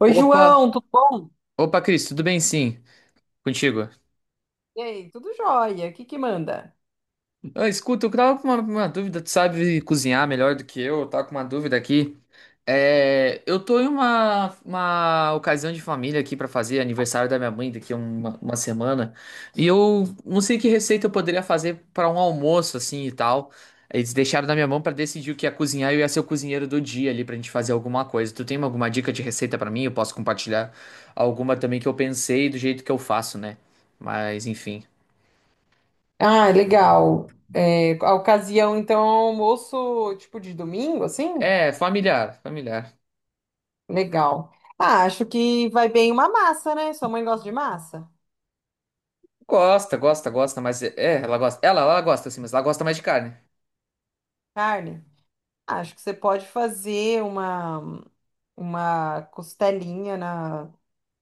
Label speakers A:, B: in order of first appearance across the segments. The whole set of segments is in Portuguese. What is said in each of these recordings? A: Oi, João,
B: Opa,
A: tudo bom?
B: opa, Cris, tudo bem sim? Contigo?
A: E aí, tudo jóia? O que que manda?
B: Ah, escuta, eu tava com uma dúvida, tu sabe cozinhar melhor do que eu tava com uma dúvida aqui. É, eu tô em uma ocasião de família aqui pra fazer aniversário da minha mãe daqui a uma semana. E eu não sei que receita eu poderia fazer pra um almoço assim e tal. Eles deixaram na minha mão pra decidir o que ia cozinhar e eu ia ser o cozinheiro do dia ali pra gente fazer alguma coisa. Tu tem alguma dica de receita pra mim? Eu posso compartilhar alguma também que eu pensei do jeito que eu faço, né? Mas enfim.
A: Ah, legal. É, a ocasião, então, é um almoço tipo de domingo, assim?
B: É, familiar, familiar.
A: Legal. Ah, acho que vai bem uma massa, né? Sua mãe gosta de massa?
B: Gosta, gosta, gosta, mas é, ela gosta. Ela gosta assim, mas ela gosta mais de carne.
A: Carne? Ah, acho que você pode fazer uma costelinha na,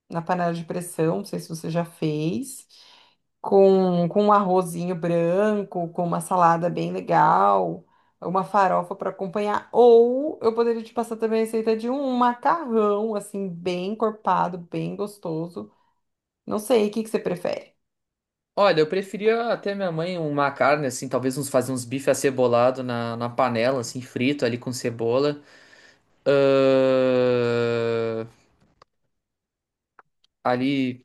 A: na panela de pressão, não sei se você já fez, com um arrozinho branco, com uma salada bem legal, uma farofa para acompanhar. Ou eu poderia te passar também a receita de um macarrão, assim, bem encorpado, bem gostoso. Não sei, o que que você prefere?
B: Olha, eu preferia até minha mãe uma carne, assim, talvez uns fazer uns bife acebolado na panela, assim, frito ali com cebola. Ahn, ali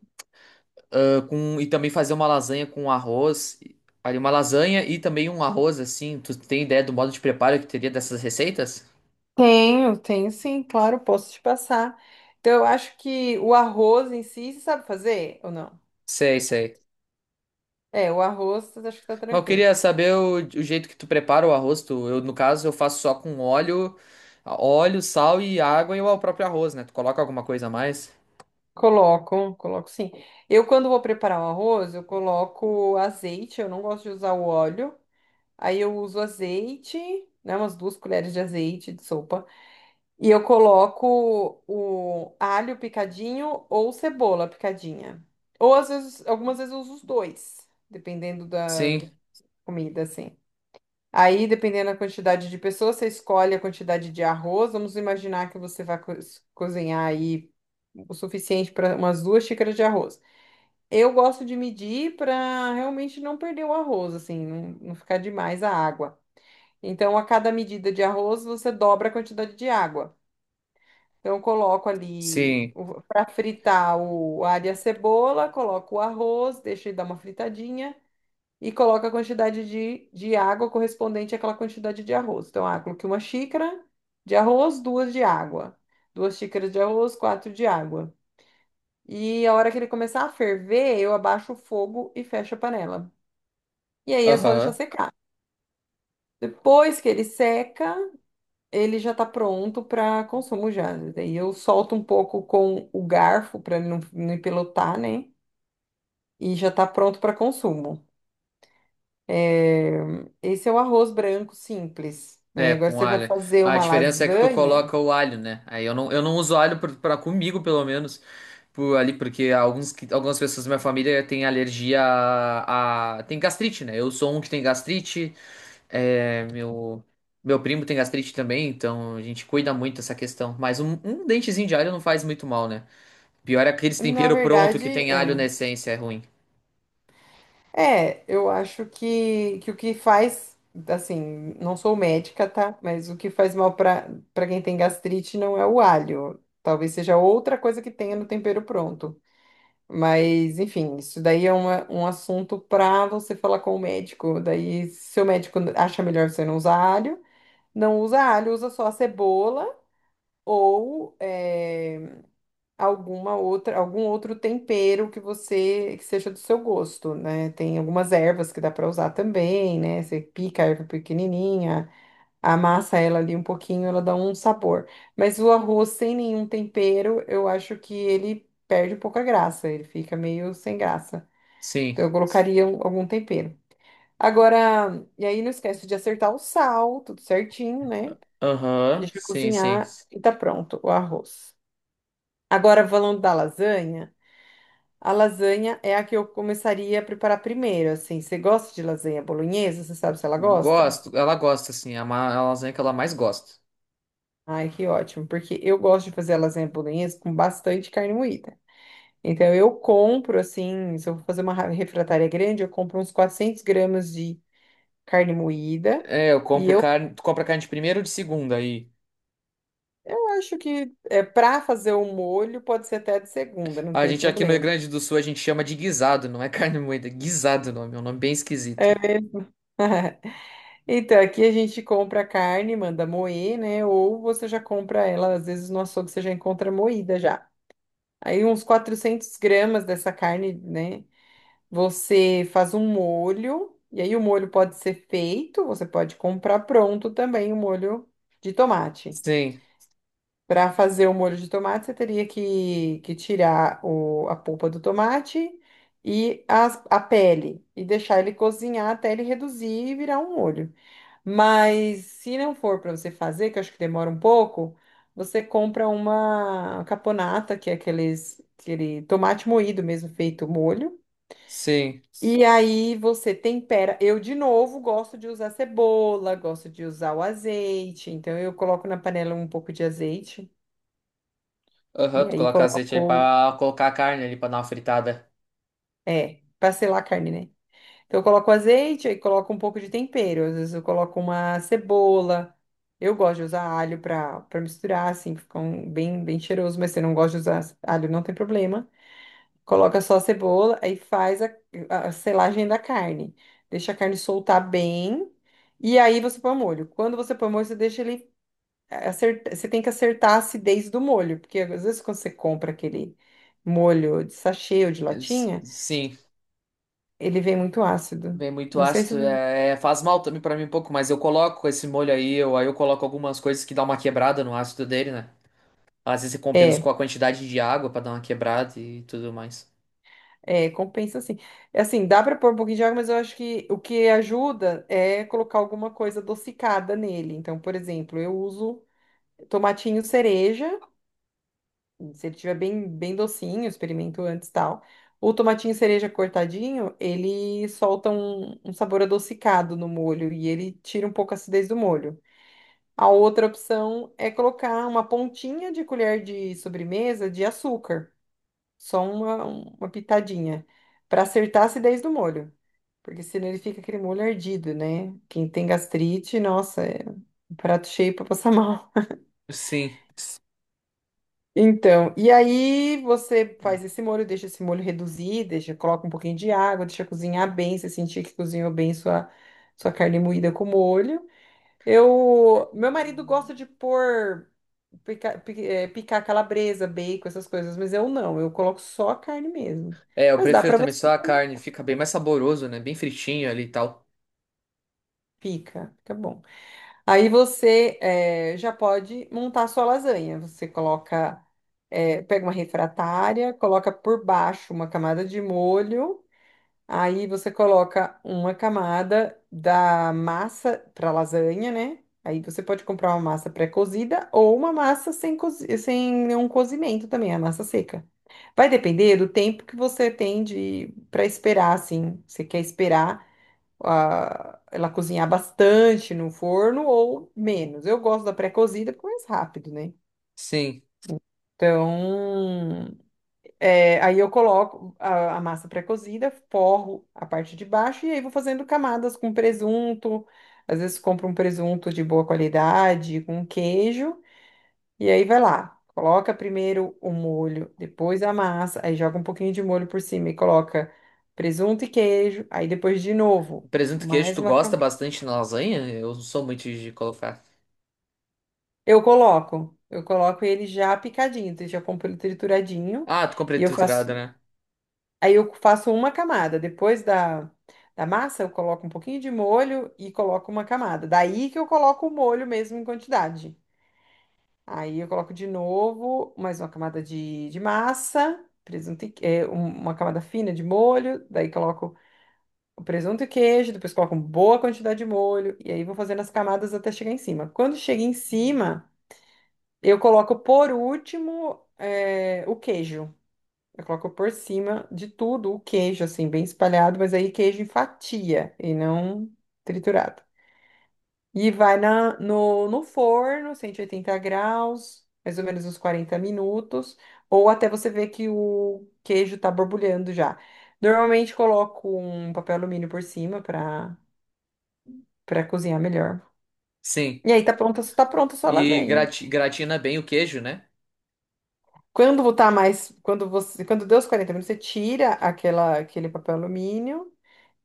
B: com. E também fazer uma lasanha com arroz. Ali, uma lasanha e também um arroz, assim. Tu tem ideia do modo de preparo que teria dessas receitas?
A: Tenho, tenho sim, claro, posso te passar. Então, eu acho que o arroz em si, você sabe fazer ou não?
B: Sei, sei.
A: É, o arroz, acho que tá
B: Mas eu
A: tranquilo.
B: queria saber o jeito que tu prepara o arroz. Tu, eu, no caso, eu faço só com óleo, sal e água e o próprio arroz, né? Tu coloca alguma coisa a mais?
A: Coloco, coloco sim. Eu, quando vou preparar o arroz, eu coloco azeite, eu não gosto de usar o óleo. Aí eu uso azeite, né, umas 2 colheres de azeite de sopa. E eu coloco o alho picadinho ou cebola picadinha. Ou às vezes, algumas vezes eu uso os dois, dependendo da
B: Sim,
A: comida, assim. Aí, dependendo da quantidade de pessoas, você escolhe a quantidade de arroz. Vamos imaginar que você vai cozinhar aí o suficiente para umas 2 xícaras de arroz. Eu gosto de medir para realmente não perder o arroz, assim, não ficar demais a água. Então, a cada medida de arroz, você dobra a quantidade de água. Então, eu coloco ali
B: sim.
A: para fritar o a alho e a cebola, coloco o arroz, deixo ele dar uma fritadinha e coloco a quantidade de água correspondente àquela quantidade de arroz. Então, ah, coloquei 1 xícara de arroz, duas de água. 2 xícaras de arroz, quatro de água. E a hora que ele começar a ferver, eu abaixo o fogo e fecho a panela. E aí é só deixar
B: Aham.
A: secar. Depois que ele seca, ele já tá pronto para consumo já. Daí eu solto um pouco com o garfo para ele não empelotar, né? E já tá pronto para consumo. É, esse é o arroz branco simples, né?
B: É,
A: Agora
B: com
A: você vai
B: alho.
A: fazer
B: A
A: uma
B: diferença é que tu
A: lasanha.
B: coloca o alho, né? Aí eu não uso alho pra comigo, pelo menos. Por, ali, porque algumas pessoas da minha família têm alergia tem gastrite, né? Eu sou um que tem gastrite. É, meu primo tem gastrite também, então a gente cuida muito dessa questão. Mas um dentezinho de alho não faz muito mal, né? Pior é aqueles
A: Na
B: tempero pronto
A: verdade,
B: que tem alho
A: é.
B: na essência, é ruim.
A: É, eu acho que o que faz, assim, não sou médica, tá? Mas o que faz mal para quem tem gastrite não é o alho. Talvez seja outra coisa que tenha no tempero pronto. Mas, enfim, isso daí é um assunto para você falar com o médico. Daí, se o médico acha melhor você não usar alho, não usa alho, usa só a cebola ou alguma outra, algum outro tempero que você que seja do seu gosto, né? Tem algumas ervas que dá para usar também, né? Você pica a erva pequenininha, amassa ela ali um pouquinho, ela dá um sabor. Mas o arroz sem nenhum tempero, eu acho que ele perde um pouco a graça, ele fica meio sem graça.
B: Sim.
A: Então eu colocaria algum tempero. Agora, e aí não esquece de acertar o sal, tudo certinho, né?
B: Aham.
A: Deixa
B: Sim,
A: cozinhar
B: sim.
A: e tá pronto o arroz. Agora, falando da lasanha, a lasanha é a que eu começaria a preparar primeiro, assim. Você gosta de lasanha bolonhesa? Você sabe se ela gosta?
B: Gosto. Ela gosta, assim. É uma, é a lasanha que ela mais gosta.
A: Ai, que ótimo, porque eu gosto de fazer a lasanha bolonhesa com bastante carne moída. Então eu compro, assim, se eu vou fazer uma refratária grande, eu compro uns 400 gramas de carne moída.
B: É, eu
A: E
B: compro
A: eu,
B: carne. Tu compra carne de primeira ou de segunda aí?
A: eu acho que é, para fazer o molho pode ser até de segunda, não
B: Ah, a
A: tem
B: gente aqui no Rio
A: problema.
B: Grande do Sul a gente chama de guisado, não é carne moída. Guisado o nome, é um nome bem esquisito.
A: Então, aqui a gente compra a carne, manda moer, né? Ou você já compra ela, às vezes no açougue você já encontra moída já. Aí uns 400 gramas dessa carne, né? Você faz um molho, e aí o molho pode ser feito, você pode comprar pronto também o molho de tomate.
B: Sim,
A: Para fazer o molho de tomate, você teria que tirar a polpa do tomate e a pele e deixar ele cozinhar até ele reduzir e virar um molho. Mas se não for para você fazer, que eu acho que demora um pouco, você compra uma caponata, que é aqueles, aquele tomate moído mesmo, feito molho.
B: sim.
A: E aí você tempera. Eu, de novo, gosto de usar cebola, gosto de usar o azeite. Então eu coloco na panela um pouco de azeite
B: Aham,
A: e
B: tu
A: aí
B: coloca azeite aí
A: coloco,
B: pra colocar a carne ali pra dar uma fritada.
A: é, para selar a carne, né? Então eu coloco azeite, aí coloco um pouco de tempero, às vezes eu coloco uma cebola. Eu gosto de usar alho para misturar, assim, fica um, bem, bem cheiroso, mas se você não gosta de usar alho, não tem problema. Coloca só a cebola, aí faz a selagem da carne. Deixa a carne soltar bem, e aí você põe o molho. Quando você põe o molho, você deixa ele acertar, você tem que acertar a acidez do molho, porque às vezes quando você compra aquele molho de sachê ou de latinha,
B: Sim,
A: ele vem muito ácido.
B: vem muito
A: Não sei se.
B: ácido. É, é, faz mal também pra mim um pouco, mas eu coloco esse molho aí eu coloco algumas coisas que dá uma quebrada no ácido dele, né? Às vezes eu compenso
A: É,
B: com a quantidade de água pra dar uma quebrada e tudo mais.
A: é, compensa assim. Assim, dá para pôr um pouquinho de água, mas eu acho que o que ajuda é colocar alguma coisa adocicada nele. Então, por exemplo, eu uso tomatinho cereja, se ele tiver bem, bem docinho, experimento antes e tal. O tomatinho cereja cortadinho, ele solta um sabor adocicado no molho e ele tira um pouco a acidez do molho. A outra opção é colocar uma pontinha de colher de sobremesa de açúcar. Só uma pitadinha. Para acertar a acidez do molho. Porque senão ele fica aquele molho ardido, né? Quem tem gastrite, nossa, é um prato cheio para passar mal.
B: Sim.
A: Então, e aí você faz esse molho, deixa esse molho reduzir, deixa, coloca um pouquinho de água, deixa cozinhar bem, você sentir que cozinhou bem sua carne moída com molho. Eu, meu marido gosta de pôr picar calabresa, bacon, essas coisas, mas eu não, eu coloco só a carne mesmo.
B: É, eu
A: Mas dá
B: prefiro
A: para
B: também
A: você
B: só a carne, fica bem mais saboroso, né? Bem fritinho ali e tal.
A: pica, fica bom. Aí você já pode montar a sua lasanha. Você coloca, pega uma refratária, coloca por baixo uma camada de molho. Aí você coloca uma camada da massa para lasanha, né? Aí você pode comprar uma massa pré-cozida ou uma massa sem, sem nenhum cozimento também, a massa seca. Vai depender do tempo que você tem de para esperar, assim. Você quer esperar ah, ela cozinhar bastante no forno ou menos. Eu gosto da pré-cozida porque é mais rápido, né?
B: Sim.
A: Então, é, aí eu coloco a massa pré-cozida, forro a parte de baixo e aí vou fazendo camadas com presunto. Às vezes compro um presunto de boa qualidade, com queijo, e aí vai lá. Coloca primeiro o molho, depois a massa, aí joga um pouquinho de molho por cima e coloca presunto e queijo, aí depois de novo,
B: Presunto e queijo,
A: mais
B: tu
A: uma
B: gosta
A: camada.
B: bastante na lasanha? Eu não sou muito de colocar.
A: Eu coloco ele já picadinho, então eu já compro ele trituradinho
B: Ah, tu
A: e
B: comprei
A: eu faço
B: triturado, né?
A: aí eu faço uma camada. Depois da, da massa, eu coloco um pouquinho de molho e coloco uma camada. Daí que eu coloco o molho mesmo em quantidade. Aí eu coloco de novo mais uma camada de massa, presunto e, é, uma camada fina de molho. Daí coloco o presunto e queijo. Depois coloco uma boa quantidade de molho. E aí vou fazendo as camadas até chegar em cima. Quando chega em cima, eu coloco por último, é, o queijo. Eu coloco por cima de tudo o queijo, assim, bem espalhado, mas aí queijo em fatia e não triturado. E vai na, no, no forno, 180 graus, mais ou menos uns 40 minutos, ou até você ver que o queijo tá borbulhando já. Normalmente coloco um papel alumínio por cima para cozinhar melhor.
B: Sim.
A: E aí tá pronta a sua
B: E
A: lasanha.
B: gratina bem o queijo, né?
A: Quando tá mais, quando você, quando deu os 40 minutos, você tira aquele papel alumínio.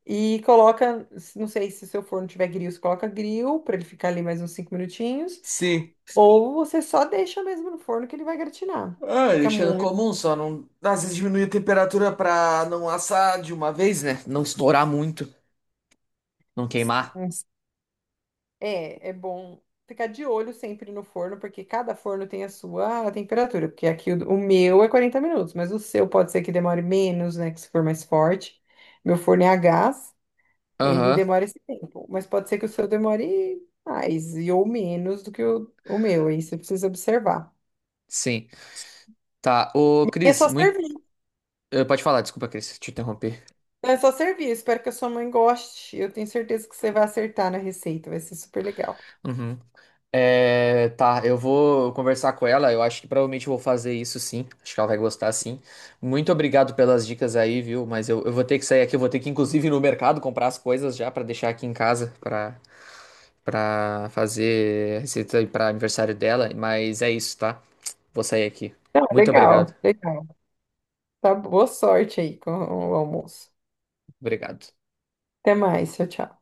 A: E coloca, não sei se o seu forno tiver grill, você coloca grill para ele ficar ali mais uns 5 minutinhos,
B: Sim.
A: ou você só deixa mesmo no forno que ele vai gratinar.
B: Ah,
A: Fica
B: deixando
A: muito.
B: comum, só não. Às vezes diminui a temperatura pra não assar de uma vez, né? Não estourar muito, não queimar.
A: É, é bom ficar de olho sempre no forno, porque cada forno tem a sua temperatura. Porque aqui o meu é 40 minutos, mas o seu pode ser que demore menos, né? Que se for mais forte. Meu forno é a gás, ele
B: Aham,
A: demora esse tempo, mas pode ser que o seu demore mais e ou menos do que o meu, aí você precisa observar.
B: sim. Tá, ô
A: É
B: Cris,
A: só
B: muito.
A: servir,
B: Pode falar, desculpa, Cris, te interromper.
A: é só servir. Espero que a sua mãe goste. Eu tenho certeza que você vai acertar na receita, vai ser super legal.
B: Uhum. É, tá, eu vou conversar com ela. Eu acho que provavelmente eu vou fazer isso sim. Acho que ela vai gostar sim. Muito obrigado pelas dicas aí, viu? Mas eu vou ter que sair aqui. Eu vou ter que, inclusive, ir no mercado comprar as coisas já pra deixar aqui em casa pra para fazer receita aí para aniversário dela. Mas é isso, tá? Vou sair aqui.
A: Não,
B: Muito obrigado.
A: legal, legal. Tá, boa sorte aí com o almoço.
B: Obrigado.
A: Até mais, tchau, tchau.